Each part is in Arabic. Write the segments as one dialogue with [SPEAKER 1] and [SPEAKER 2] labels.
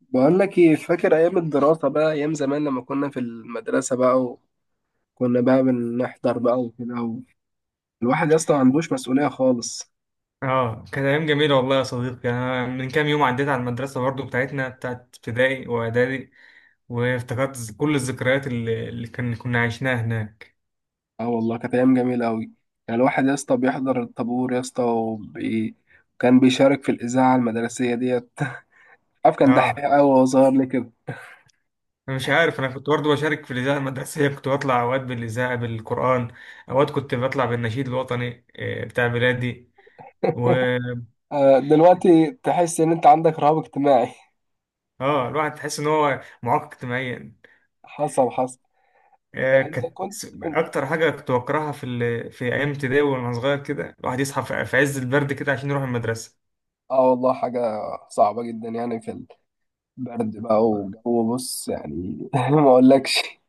[SPEAKER 1] بقول لك ايه؟ فاكر ايام الدراسة بقى، ايام زمان لما كنا في المدرسة بقى، وكنا بقى بنحضر بقى وكده، الواحد يا اسطى ما عندوش مسؤولية خالص.
[SPEAKER 2] اه، كانت ايام جميله والله يا صديقي. انا من كام يوم عديت على المدرسه برضو، بتاعتنا، بتاعت ابتدائي واعدادي. وافتكرت كل الذكريات اللي كنا عشناها هناك.
[SPEAKER 1] اه والله، كانت ايام جميلة قوي. يعني الواحد يا اسطى بيحضر الطابور يا اسطى، كان بيشارك في الإذاعة المدرسية ديت. عارف، كان دحيح
[SPEAKER 2] اه،
[SPEAKER 1] قوي وهو صغير ليه كده؟
[SPEAKER 2] انا مش عارف، انا كنت برضو بشارك في الاذاعه المدرسيه. كنت بطلع اوقات بالاذاعه بالقران، اوقات كنت بطلع بالنشيد الوطني بتاع بلادي. و
[SPEAKER 1] دلوقتي تحس ان انت عندك رهاب اجتماعي.
[SPEAKER 2] اه، الواحد تحس ان هو معاق اجتماعيا.
[SPEAKER 1] حصل، حصل.
[SPEAKER 2] آه،
[SPEAKER 1] انت
[SPEAKER 2] كانت
[SPEAKER 1] كنت أنت-
[SPEAKER 2] اكتر حاجه كنت بكرهها في ايام ابتدائي، وانا صغير كده الواحد يصحى في عز البرد كده عشان يروح المدرسه.
[SPEAKER 1] اه والله، حاجة صعبة جدا، يعني في برد بقى وجو، بص يعني ما اقولكش.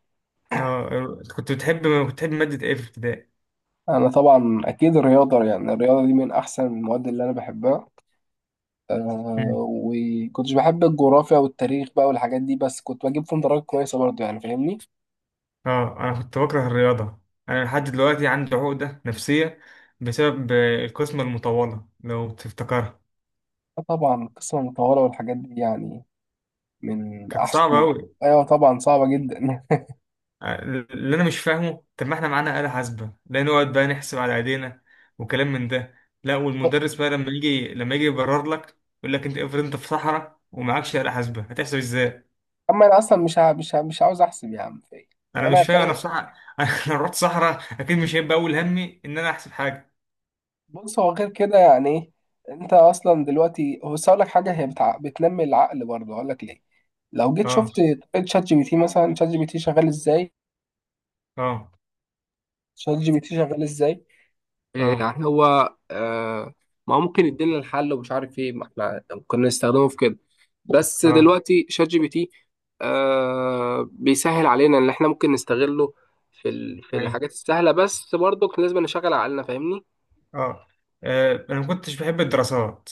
[SPEAKER 2] اه، كنت بتحب مادة ايه في ابتدائي؟
[SPEAKER 1] انا طبعا اكيد الرياضه، يعني الرياضه دي من احسن المواد اللي انا بحبها.
[SPEAKER 2] مم.
[SPEAKER 1] وكنتش بحب الجغرافيا والتاريخ بقى والحاجات دي، بس كنت بجيب فيهم درجات كويسه برضه، يعني فاهمني؟
[SPEAKER 2] اه، انا كنت بكره الرياضة. انا لحد دلوقتي عندي عقدة نفسية بسبب القسمة المطولة، لو تفتكرها.
[SPEAKER 1] طبعا القصه المطوله والحاجات دي يعني، من
[SPEAKER 2] كانت
[SPEAKER 1] احسن
[SPEAKER 2] صعبة
[SPEAKER 1] من
[SPEAKER 2] أوي.
[SPEAKER 1] ايوه طبعا، صعبه جدا.
[SPEAKER 2] اللي أنا مش فاهمه، طب ما احنا معانا آلة حاسبة، لا نقعد بقى نحسب على إيدينا وكلام من ده. لا، والمدرس بقى لما يجي يبرر لك، يقول لك أنت افرض أنت في صحراء ومعكش آلة حاسبة، هتحسب إزاي؟
[SPEAKER 1] اما انا اصلا مش عاوز احسب يا عم فايق.
[SPEAKER 2] أنا مش
[SPEAKER 1] وانا
[SPEAKER 2] فاهم، أنا في
[SPEAKER 1] فايق.
[SPEAKER 2] صحراء. أنا لو رحت صحراء أكيد مش هيبقى أول همي إن أنا أحسب حاجة.
[SPEAKER 1] بص هو غير كده يعني إيه؟ انت اصلا دلوقتي بس اقول لك حاجه، هي بتنمي العقل برضه، اقول لك ليه. لو جيت
[SPEAKER 2] اه.
[SPEAKER 1] شفت طريقة شات جي بي تي، مثلا شات جي بي تي شغال ازاي،
[SPEAKER 2] اه.
[SPEAKER 1] شات جي بي تي شغال ازاي؟ إيه
[SPEAKER 2] اه.
[SPEAKER 1] يعني هو ما هو ممكن يدينا الحل ومش عارف ايه، ما احنا كنا نستخدمه في كده. بس
[SPEAKER 2] اه.
[SPEAKER 1] دلوقتي شات جي بي تي بيسهل علينا ان احنا ممكن نستغله في
[SPEAKER 2] ايوه.
[SPEAKER 1] الحاجات السهلة، بس برضه لازم نشغل عقلنا، فاهمني؟
[SPEAKER 2] اه. انا ما كنتش بحب الدراسات.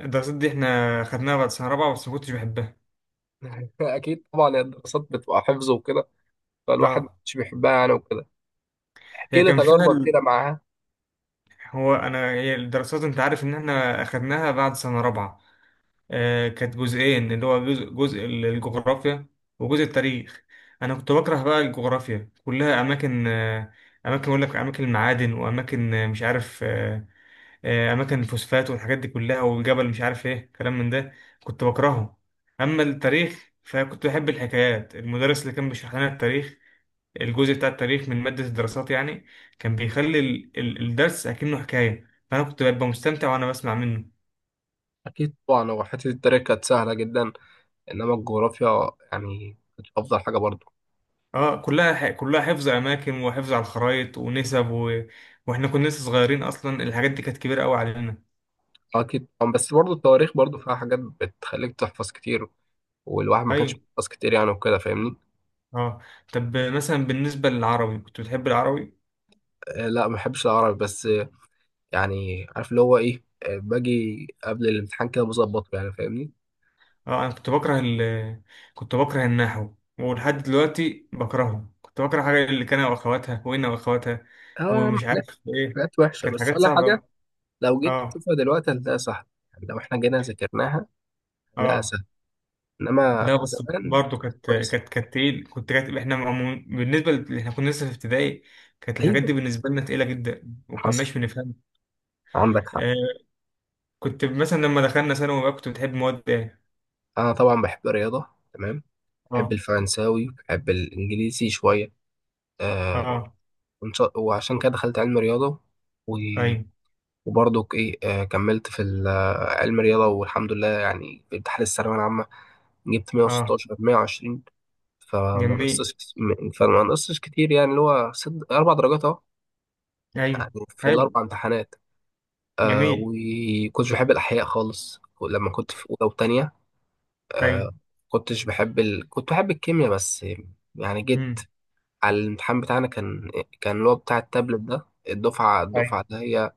[SPEAKER 2] الدراسات دي احنا خدناها بعد سنه رابعه، بس ما كنتش بحبها.
[SPEAKER 1] اكيد طبعا، الدراسات بتبقى حفظ وكده، فالواحد
[SPEAKER 2] اه،
[SPEAKER 1] مش بيحبها يعني وكده. احكي
[SPEAKER 2] هي
[SPEAKER 1] لي
[SPEAKER 2] كان فيها
[SPEAKER 1] تجاربك
[SPEAKER 2] ال...
[SPEAKER 1] كده معاها.
[SPEAKER 2] هو انا هي الدراسات، انت عارف ان احنا اخدناها بعد سنه رابعه. آه كانت جزئين، اللي هو جزء، الجغرافيا وجزء التاريخ. انا كنت بكره بقى الجغرافيا، كلها اماكن. اماكن، اقول لك اماكن المعادن واماكن، مش عارف، اماكن الفوسفات والحاجات دي كلها، والجبل مش عارف ايه، كلام من ده. كنت بكرهه. اما التاريخ فكنت بحب الحكايات. المدرس اللي كان بيشرح لنا التاريخ، الجزء بتاع التاريخ من مادة الدراسات يعني، كان بيخلي الدرس اكنه حكاية، فانا كنت ببقى مستمتع وانا بسمع منه.
[SPEAKER 1] اكيد طبعا، هو حته التريك كانت سهله جدا، انما الجغرافيا يعني مش افضل حاجه برضو.
[SPEAKER 2] اه، كلها حفظ اماكن، وحفظ على الخرايط، ونسب واحنا كنا لسه صغيرين، اصلا الحاجات دي كانت كبيرة قوي علينا.
[SPEAKER 1] اكيد طبعاً، بس برضو التواريخ برضو فيها حاجات بتخليك تحفظ كتير، والواحد ما كانش
[SPEAKER 2] ايوه.
[SPEAKER 1] بيحفظ كتير يعني وكده، فاهمني؟
[SPEAKER 2] اه. طب مثلا بالنسبة للعربي، كنت بتحب العربي؟
[SPEAKER 1] لا ما بحبش العربي، بس يعني عارف اللي هو ايه، باجي قبل الامتحان كده بظبطه، يعني فاهمني؟
[SPEAKER 2] اه، انا كنت بكره ال كنت بكره النحو، ولحد دلوقتي بكرهه. كنت بكره حاجه اللي كان واخواتها، وانا واخواتها،
[SPEAKER 1] اه يا عم،
[SPEAKER 2] ومش عارف
[SPEAKER 1] حاجات،
[SPEAKER 2] ايه.
[SPEAKER 1] حاجات وحشه
[SPEAKER 2] كانت
[SPEAKER 1] بس
[SPEAKER 2] حاجات
[SPEAKER 1] ولا
[SPEAKER 2] صعبه
[SPEAKER 1] حاجه.
[SPEAKER 2] أوي.
[SPEAKER 1] لو جيت
[SPEAKER 2] اه.
[SPEAKER 1] تشوفها دلوقتي هتلاقيها سهله. يعني لو احنا جينا ذاكرناها هنلاقيها
[SPEAKER 2] اه.
[SPEAKER 1] سهله، انما
[SPEAKER 2] لا، بس
[SPEAKER 1] زمان.
[SPEAKER 2] برضه كانت،
[SPEAKER 1] كويس.
[SPEAKER 2] تقيل، كنت كانت احنا عمو- بالنسبه ل- احنا كنا لسه في ابتدائي. كانت الحاجات دي
[SPEAKER 1] ايوه،
[SPEAKER 2] بالنسبه لنا تقيله جدا،
[SPEAKER 1] حصل،
[SPEAKER 2] وكناش بنفهم.
[SPEAKER 1] عندك حق.
[SPEAKER 2] آه. كنت مثلا لما دخلنا ثانوي بقى، كنت بتحب مواد ايه؟
[SPEAKER 1] انا طبعا بحب الرياضه، تمام، بحب
[SPEAKER 2] اه.
[SPEAKER 1] الفرنساوي، بحب الإنجليزي شوية. آه
[SPEAKER 2] اه.
[SPEAKER 1] وعشان كده دخلت علم رياضة و...
[SPEAKER 2] ايوه.
[SPEAKER 1] وبرضه إيه، كملت في ال- آه، علم رياضة، والحمد لله، يعني في امتحان الثانوية العامة جبت
[SPEAKER 2] اه.
[SPEAKER 1] 116 120. فما
[SPEAKER 2] جميل.
[SPEAKER 1] نقصتش فما نقصتش كتير، يعني اللي هو ست أربع درجات أهو،
[SPEAKER 2] ايوه.
[SPEAKER 1] يعني في
[SPEAKER 2] حلو.
[SPEAKER 1] الأربع امتحانات.
[SPEAKER 2] جميل.
[SPEAKER 1] وكنتش بحب الأحياء خالص لما كنت في أولى وتانية.
[SPEAKER 2] ايوه.
[SPEAKER 1] آه كنتش بحب كنت بحب الكيمياء بس. يعني جيت على الامتحان بتاعنا، كان اللي هو بتاع التابلت ده، الدفعة
[SPEAKER 2] ايوه.
[SPEAKER 1] الدفعة ده هي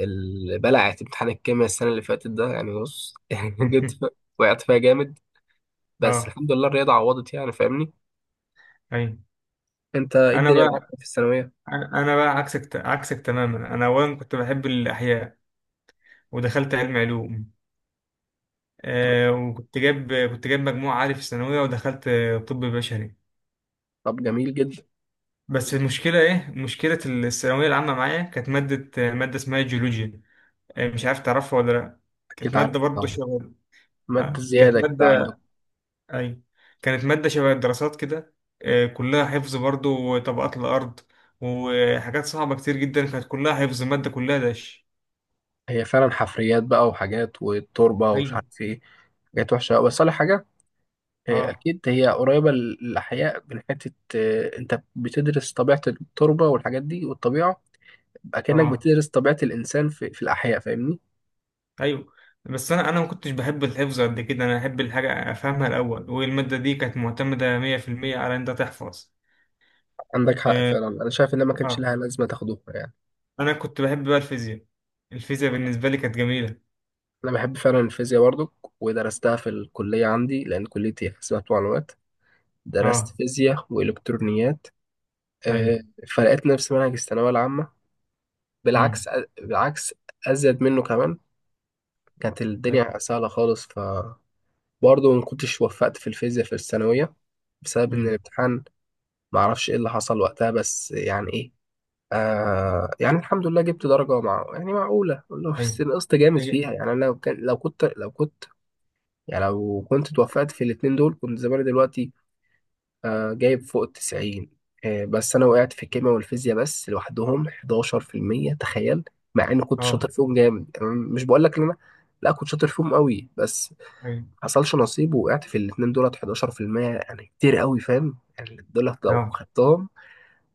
[SPEAKER 1] اللي بلعت امتحان الكيمياء السنة اللي فاتت ده، يعني بص يعني وقعت فيها جامد. بس
[SPEAKER 2] اه.
[SPEAKER 1] الحمد لله، الرياضة عوضت يعني، فاهمني؟
[SPEAKER 2] ايوه.
[SPEAKER 1] انت ايه
[SPEAKER 2] انا
[SPEAKER 1] الدنيا معاك
[SPEAKER 2] بقى
[SPEAKER 1] في الثانوية؟
[SPEAKER 2] انا بقى عكسك تماما. انا اولا كنت بحب الاحياء، ودخلت علم علوم.
[SPEAKER 1] تمام،
[SPEAKER 2] آه، وكنت جايب مجموع عالي في الثانويه، ودخلت طب بشري.
[SPEAKER 1] طب جميل جدا.
[SPEAKER 2] بس المشكله ايه؟ مشكله الثانويه العامه معايا كانت ماده، ماده اسمها جيولوجيا. مش عارف تعرفها ولا لا. كانت
[SPEAKER 1] اكيد
[SPEAKER 2] ماده
[SPEAKER 1] عارف
[SPEAKER 2] برضه
[SPEAKER 1] طبعا،
[SPEAKER 2] شغل.
[SPEAKER 1] مادة
[SPEAKER 2] آه، كانت
[SPEAKER 1] زيادة كده
[SPEAKER 2] ماده،
[SPEAKER 1] عندكم.
[SPEAKER 2] أي، كانت مادة شبه الدراسات كده. كلها حفظ برضه، وطبقات الأرض وحاجات صعبة كتير جدا. كانت كلها حفظ، المادة كلها داش.
[SPEAKER 1] هي فعلا حفريات بقى وحاجات والتربة ومش
[SPEAKER 2] أيوه.
[SPEAKER 1] عارف ايه، حاجات وحشة أوي. بس أقول لك حاجة،
[SPEAKER 2] أه.
[SPEAKER 1] أكيد هي قريبة للأحياء من حتة، أنت بتدرس طبيعة التربة والحاجات دي والطبيعة. اكنك
[SPEAKER 2] أه.
[SPEAKER 1] بتدرس طبيعة الإنسان في الأحياء، فاهمني؟
[SPEAKER 2] أيوه. بس أنا ما كنتش بحب الحفظ قد كده. أنا أحب الحاجة أفهمها الأول، والمادة دي كانت معتمدة 100% على إن أنت تحفظ.
[SPEAKER 1] عندك حق
[SPEAKER 2] أه.
[SPEAKER 1] فعلا، أنا شايف إن ما كانش
[SPEAKER 2] آه.
[SPEAKER 1] لها لازمة تاخدوها يعني.
[SPEAKER 2] أنا كنت بحب بقى الفيزياء. الفيزياء بالنسبة لي كانت جميلة.
[SPEAKER 1] أنا بحب فعلا الفيزياء برضو، ودرستها في الكلية عندي، لأن كليتي حسابات ومعلومات، درست
[SPEAKER 2] أه.
[SPEAKER 1] فيزياء وإلكترونيات.
[SPEAKER 2] أيوه.
[SPEAKER 1] آه، فلقيت نفس منهج الثانوية العامة،
[SPEAKER 2] أمم.
[SPEAKER 1] بالعكس، بالعكس أزيد منه كمان. كانت
[SPEAKER 2] أيوه.
[SPEAKER 1] الدنيا سهلة خالص، فبرضه ما كنتش وفقت في الفيزياء في الثانوية، بسبب إن
[SPEAKER 2] أمم.
[SPEAKER 1] الامتحان معرفش إيه اللي حصل وقتها، بس يعني إيه، يعني الحمد لله جبت درجة مع، يعني معقولة والله، بس
[SPEAKER 2] أيوه.
[SPEAKER 1] نقصت جامد
[SPEAKER 2] أيوه.
[SPEAKER 1] فيها يعني، أنا لو كان لو كنت لو كنت يعني لو كنت توفقت في الاتنين دول كنت زماني دلوقتي. جايب فوق ال 90. بس أنا وقعت في الكيمياء والفيزياء بس لوحدهم 11%، تخيل. مع إني كنت شاطر
[SPEAKER 2] أه.
[SPEAKER 1] فيهم جامد، يعني مش بقول لك إن أنا، لا كنت شاطر فيهم قوي، بس ما
[SPEAKER 2] أيوه.
[SPEAKER 1] حصلش نصيب، ووقعت في الاتنين دولت 11%، يعني كتير قوي فاهم، يعني دولت لو
[SPEAKER 2] أه.
[SPEAKER 1] خدتهم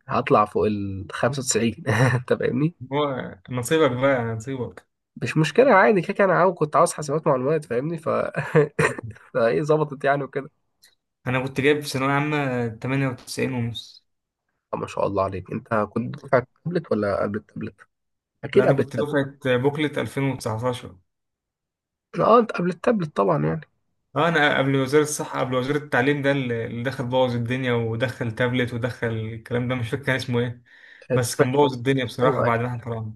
[SPEAKER 1] هطلع فوق ال 95. أنت فاهمني؟
[SPEAKER 2] هو نصيبك بقى، نصيبك.
[SPEAKER 1] مش مشكلة، عادي كده كده، أنا كنت عاوز حاسبات معلومات، فاهمني ف فإيه ظبطت يعني وكده.
[SPEAKER 2] انا كنت جايب في ثانويه عامه 98 ونص.
[SPEAKER 1] ما شاء الله عليك، أنت كنت دفعة تابلت ولا قبل التابلت؟
[SPEAKER 2] لا،
[SPEAKER 1] أكيد
[SPEAKER 2] انا
[SPEAKER 1] قبل
[SPEAKER 2] كنت
[SPEAKER 1] التابلت.
[SPEAKER 2] دفعه بوكلت 2019.
[SPEAKER 1] أه، أنت قبل التابلت طبعا يعني.
[SPEAKER 2] اه، انا قبل وزير الصحه، قبل وزير التعليم ده، اللي دخل بوظ الدنيا، ودخل تابلت، ودخل الكلام ده، مش فاكر كان اسمه ايه.
[SPEAKER 1] آه،
[SPEAKER 2] بس
[SPEAKER 1] طبعاً.
[SPEAKER 2] كان بوظ الدنيا بصراحه
[SPEAKER 1] أيوه أيوه،
[SPEAKER 2] بعد ما احنا طلعنا.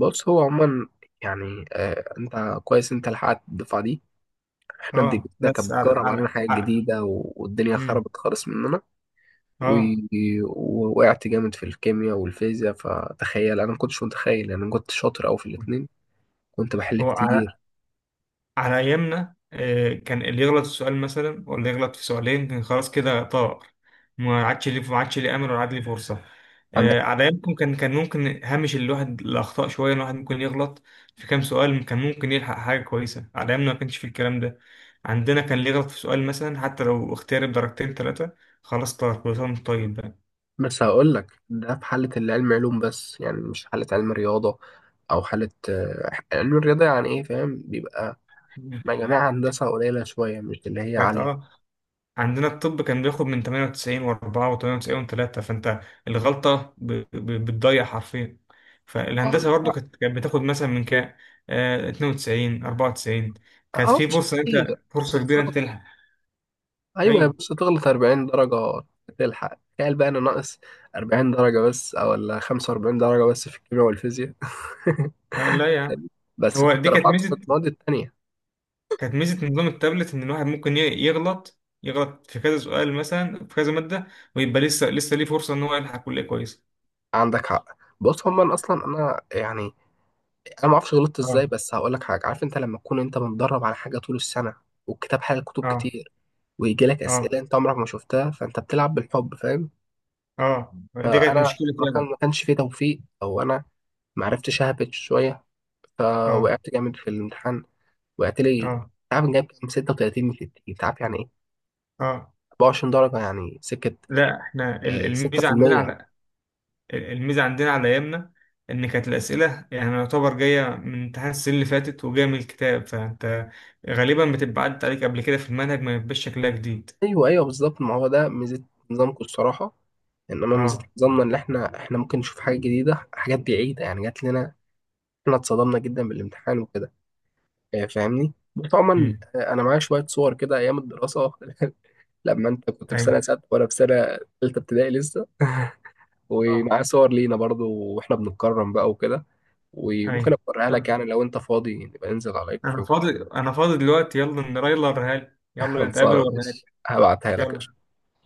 [SPEAKER 1] بص هو عموما، يعني أنت كويس، أنت لحقت الدفعة دي. إحنا
[SPEAKER 2] اه،
[SPEAKER 1] دنيتنا
[SPEAKER 2] بس
[SPEAKER 1] كانت بتجرب علينا حاجات جديدة والدنيا
[SPEAKER 2] امم.
[SPEAKER 1] خربت خالص مننا و-
[SPEAKER 2] اه.
[SPEAKER 1] ووقعت جامد في الكيمياء والفيزياء. فتخيل، أنا ما كنتش متخيل يعني، أنا كنت شاطر أوي في الاتنين، كنت بحل
[SPEAKER 2] هو
[SPEAKER 1] كتير.
[SPEAKER 2] على أيامنا كان اللي يغلط في سؤال مثلا، ولا يغلط في سؤالين، كان خلاص كده طار. ما عادش ليه أمل، ولا عاد ليه فرصة.
[SPEAKER 1] عندك.
[SPEAKER 2] على أيامكم كان ممكن هامش الواحد الأخطاء شوية، الواحد ممكن يغلط في كام سؤال، كان ممكن يلحق حاجة كويسة. على أيامنا ما كانش في الكلام ده. عندنا كان اللي يغلط في سؤال مثلا، حتى لو اختيار بدرجتين ثلاثة، خلاص طار، كل سنة وأنت طيب بقى.
[SPEAKER 1] بس هقول لك ده في حالة اللي علم علوم بس، يعني مش حالة علم رياضة، أو حالة علم الرياضة، يعني إيه فاهم؟ بيبقى مجاميع هندسة قليلة شوية، مش اللي هي
[SPEAKER 2] كانت،
[SPEAKER 1] عالية.
[SPEAKER 2] اه، عندنا الطب كان بياخد من 98 و4 و98 و3، فانت الغلطة بتضيع حرفيا.
[SPEAKER 1] اه،
[SPEAKER 2] فالهندسة
[SPEAKER 1] عندك
[SPEAKER 2] برضو
[SPEAKER 1] حق.
[SPEAKER 2] كانت بتاخد مثلا من كام؟ 92 94. كانت في
[SPEAKER 1] مش
[SPEAKER 2] فرصة،
[SPEAKER 1] كتير،
[SPEAKER 2] انت فرصة كبيرة انت
[SPEAKER 1] بالظبط،
[SPEAKER 2] تلحق.
[SPEAKER 1] أيوة
[SPEAKER 2] ايوه.
[SPEAKER 1] بس تغلط 40 درجة تلحق. تخيل بقى أنا ناقص 40 درجة بس، أو ولا 45 درجة بس في الكيمياء والفيزياء.
[SPEAKER 2] لا، لا، يا عم.
[SPEAKER 1] بس
[SPEAKER 2] هو
[SPEAKER 1] كنت
[SPEAKER 2] دي كانت
[SPEAKER 1] رفعت في
[SPEAKER 2] ميزة،
[SPEAKER 1] المواد التانية.
[SPEAKER 2] كانت ميزة نظام التابلت، ان الواحد ممكن يغلط في كذا سؤال مثلا، في كذا مادة، ويبقى لسه ليه فرصة ان هو يلحق كلية كويسة.
[SPEAKER 1] عندك حق. بص هما، أنا أصلا أنا يعني، انا ما اعرفش غلطت
[SPEAKER 2] اه.
[SPEAKER 1] ازاي، بس هقول لك حاجه، عارف انت لما تكون انت متدرب على حاجه طول السنه، والكتاب حاجه كتب
[SPEAKER 2] اه.
[SPEAKER 1] كتير، ويجي لك
[SPEAKER 2] اه.
[SPEAKER 1] اسئله انت عمرك ما شفتها، فانت بتلعب بالحب، فاهم؟
[SPEAKER 2] اه. دي كانت
[SPEAKER 1] فانا
[SPEAKER 2] مشكلة
[SPEAKER 1] ما كان
[SPEAKER 2] فعلا.
[SPEAKER 1] ما كانش فيه توفيق، او انا ما عرفتش اهبط شويه،
[SPEAKER 2] اه.
[SPEAKER 1] فوقعت جامد في الامتحان. وقعت لي،
[SPEAKER 2] اه.
[SPEAKER 1] تعرف جايب كام؟ 36 من 60، تعرف يعني ايه؟
[SPEAKER 2] اه.
[SPEAKER 1] 24 درجه يعني سكه.
[SPEAKER 2] لا، احنا
[SPEAKER 1] 6%.
[SPEAKER 2] الميزه عندنا على ايامنا، ان كانت الاسئله يعني يعتبر جايه من امتحان السنه اللي فاتت، وجايه من الكتاب، فانت غالبا بتبقى عدت عليك قبل كده في المنهج، ما يبقاش شكلها جديد.
[SPEAKER 1] ايوه ايوه بالظبط، ما هو ده ميزه نظامكم الصراحه، انما ميزه
[SPEAKER 2] اه.
[SPEAKER 1] نظامنا ان احنا ممكن نشوف حاجه جديده، حاجات بعيده يعني جات لنا. احنا اتصدمنا جدا بالامتحان وكده. فاهمني، وطبعا
[SPEAKER 2] امم.
[SPEAKER 1] انا معايا شويه صور كده ايام الدراسه. لما انت كنت في
[SPEAKER 2] ايوه.
[SPEAKER 1] سنه سادسه، وانا في سنه ثالثه ابتدائي لسه.
[SPEAKER 2] اه.
[SPEAKER 1] ومعايا صور لينا برضو واحنا بنتكرم بقى وكده، وممكن
[SPEAKER 2] ايوه.
[SPEAKER 1] اوريها لك
[SPEAKER 2] طب،
[SPEAKER 1] يعني، لو انت فاضي نبقى ننزل على
[SPEAKER 2] انا
[SPEAKER 1] الكافيه.
[SPEAKER 2] فاضي. انا فاضي دلوقتي، يلا نرايلر هل، يلا نتقابل
[SPEAKER 1] خلصانه،
[SPEAKER 2] ورهالي.
[SPEAKER 1] مش هبعتها لك
[SPEAKER 2] يلا.
[SPEAKER 1] قشطة.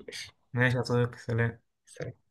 [SPEAKER 1] ماشي.
[SPEAKER 2] ماشي يا صديقي، سلام.
[SPEAKER 1] سلام.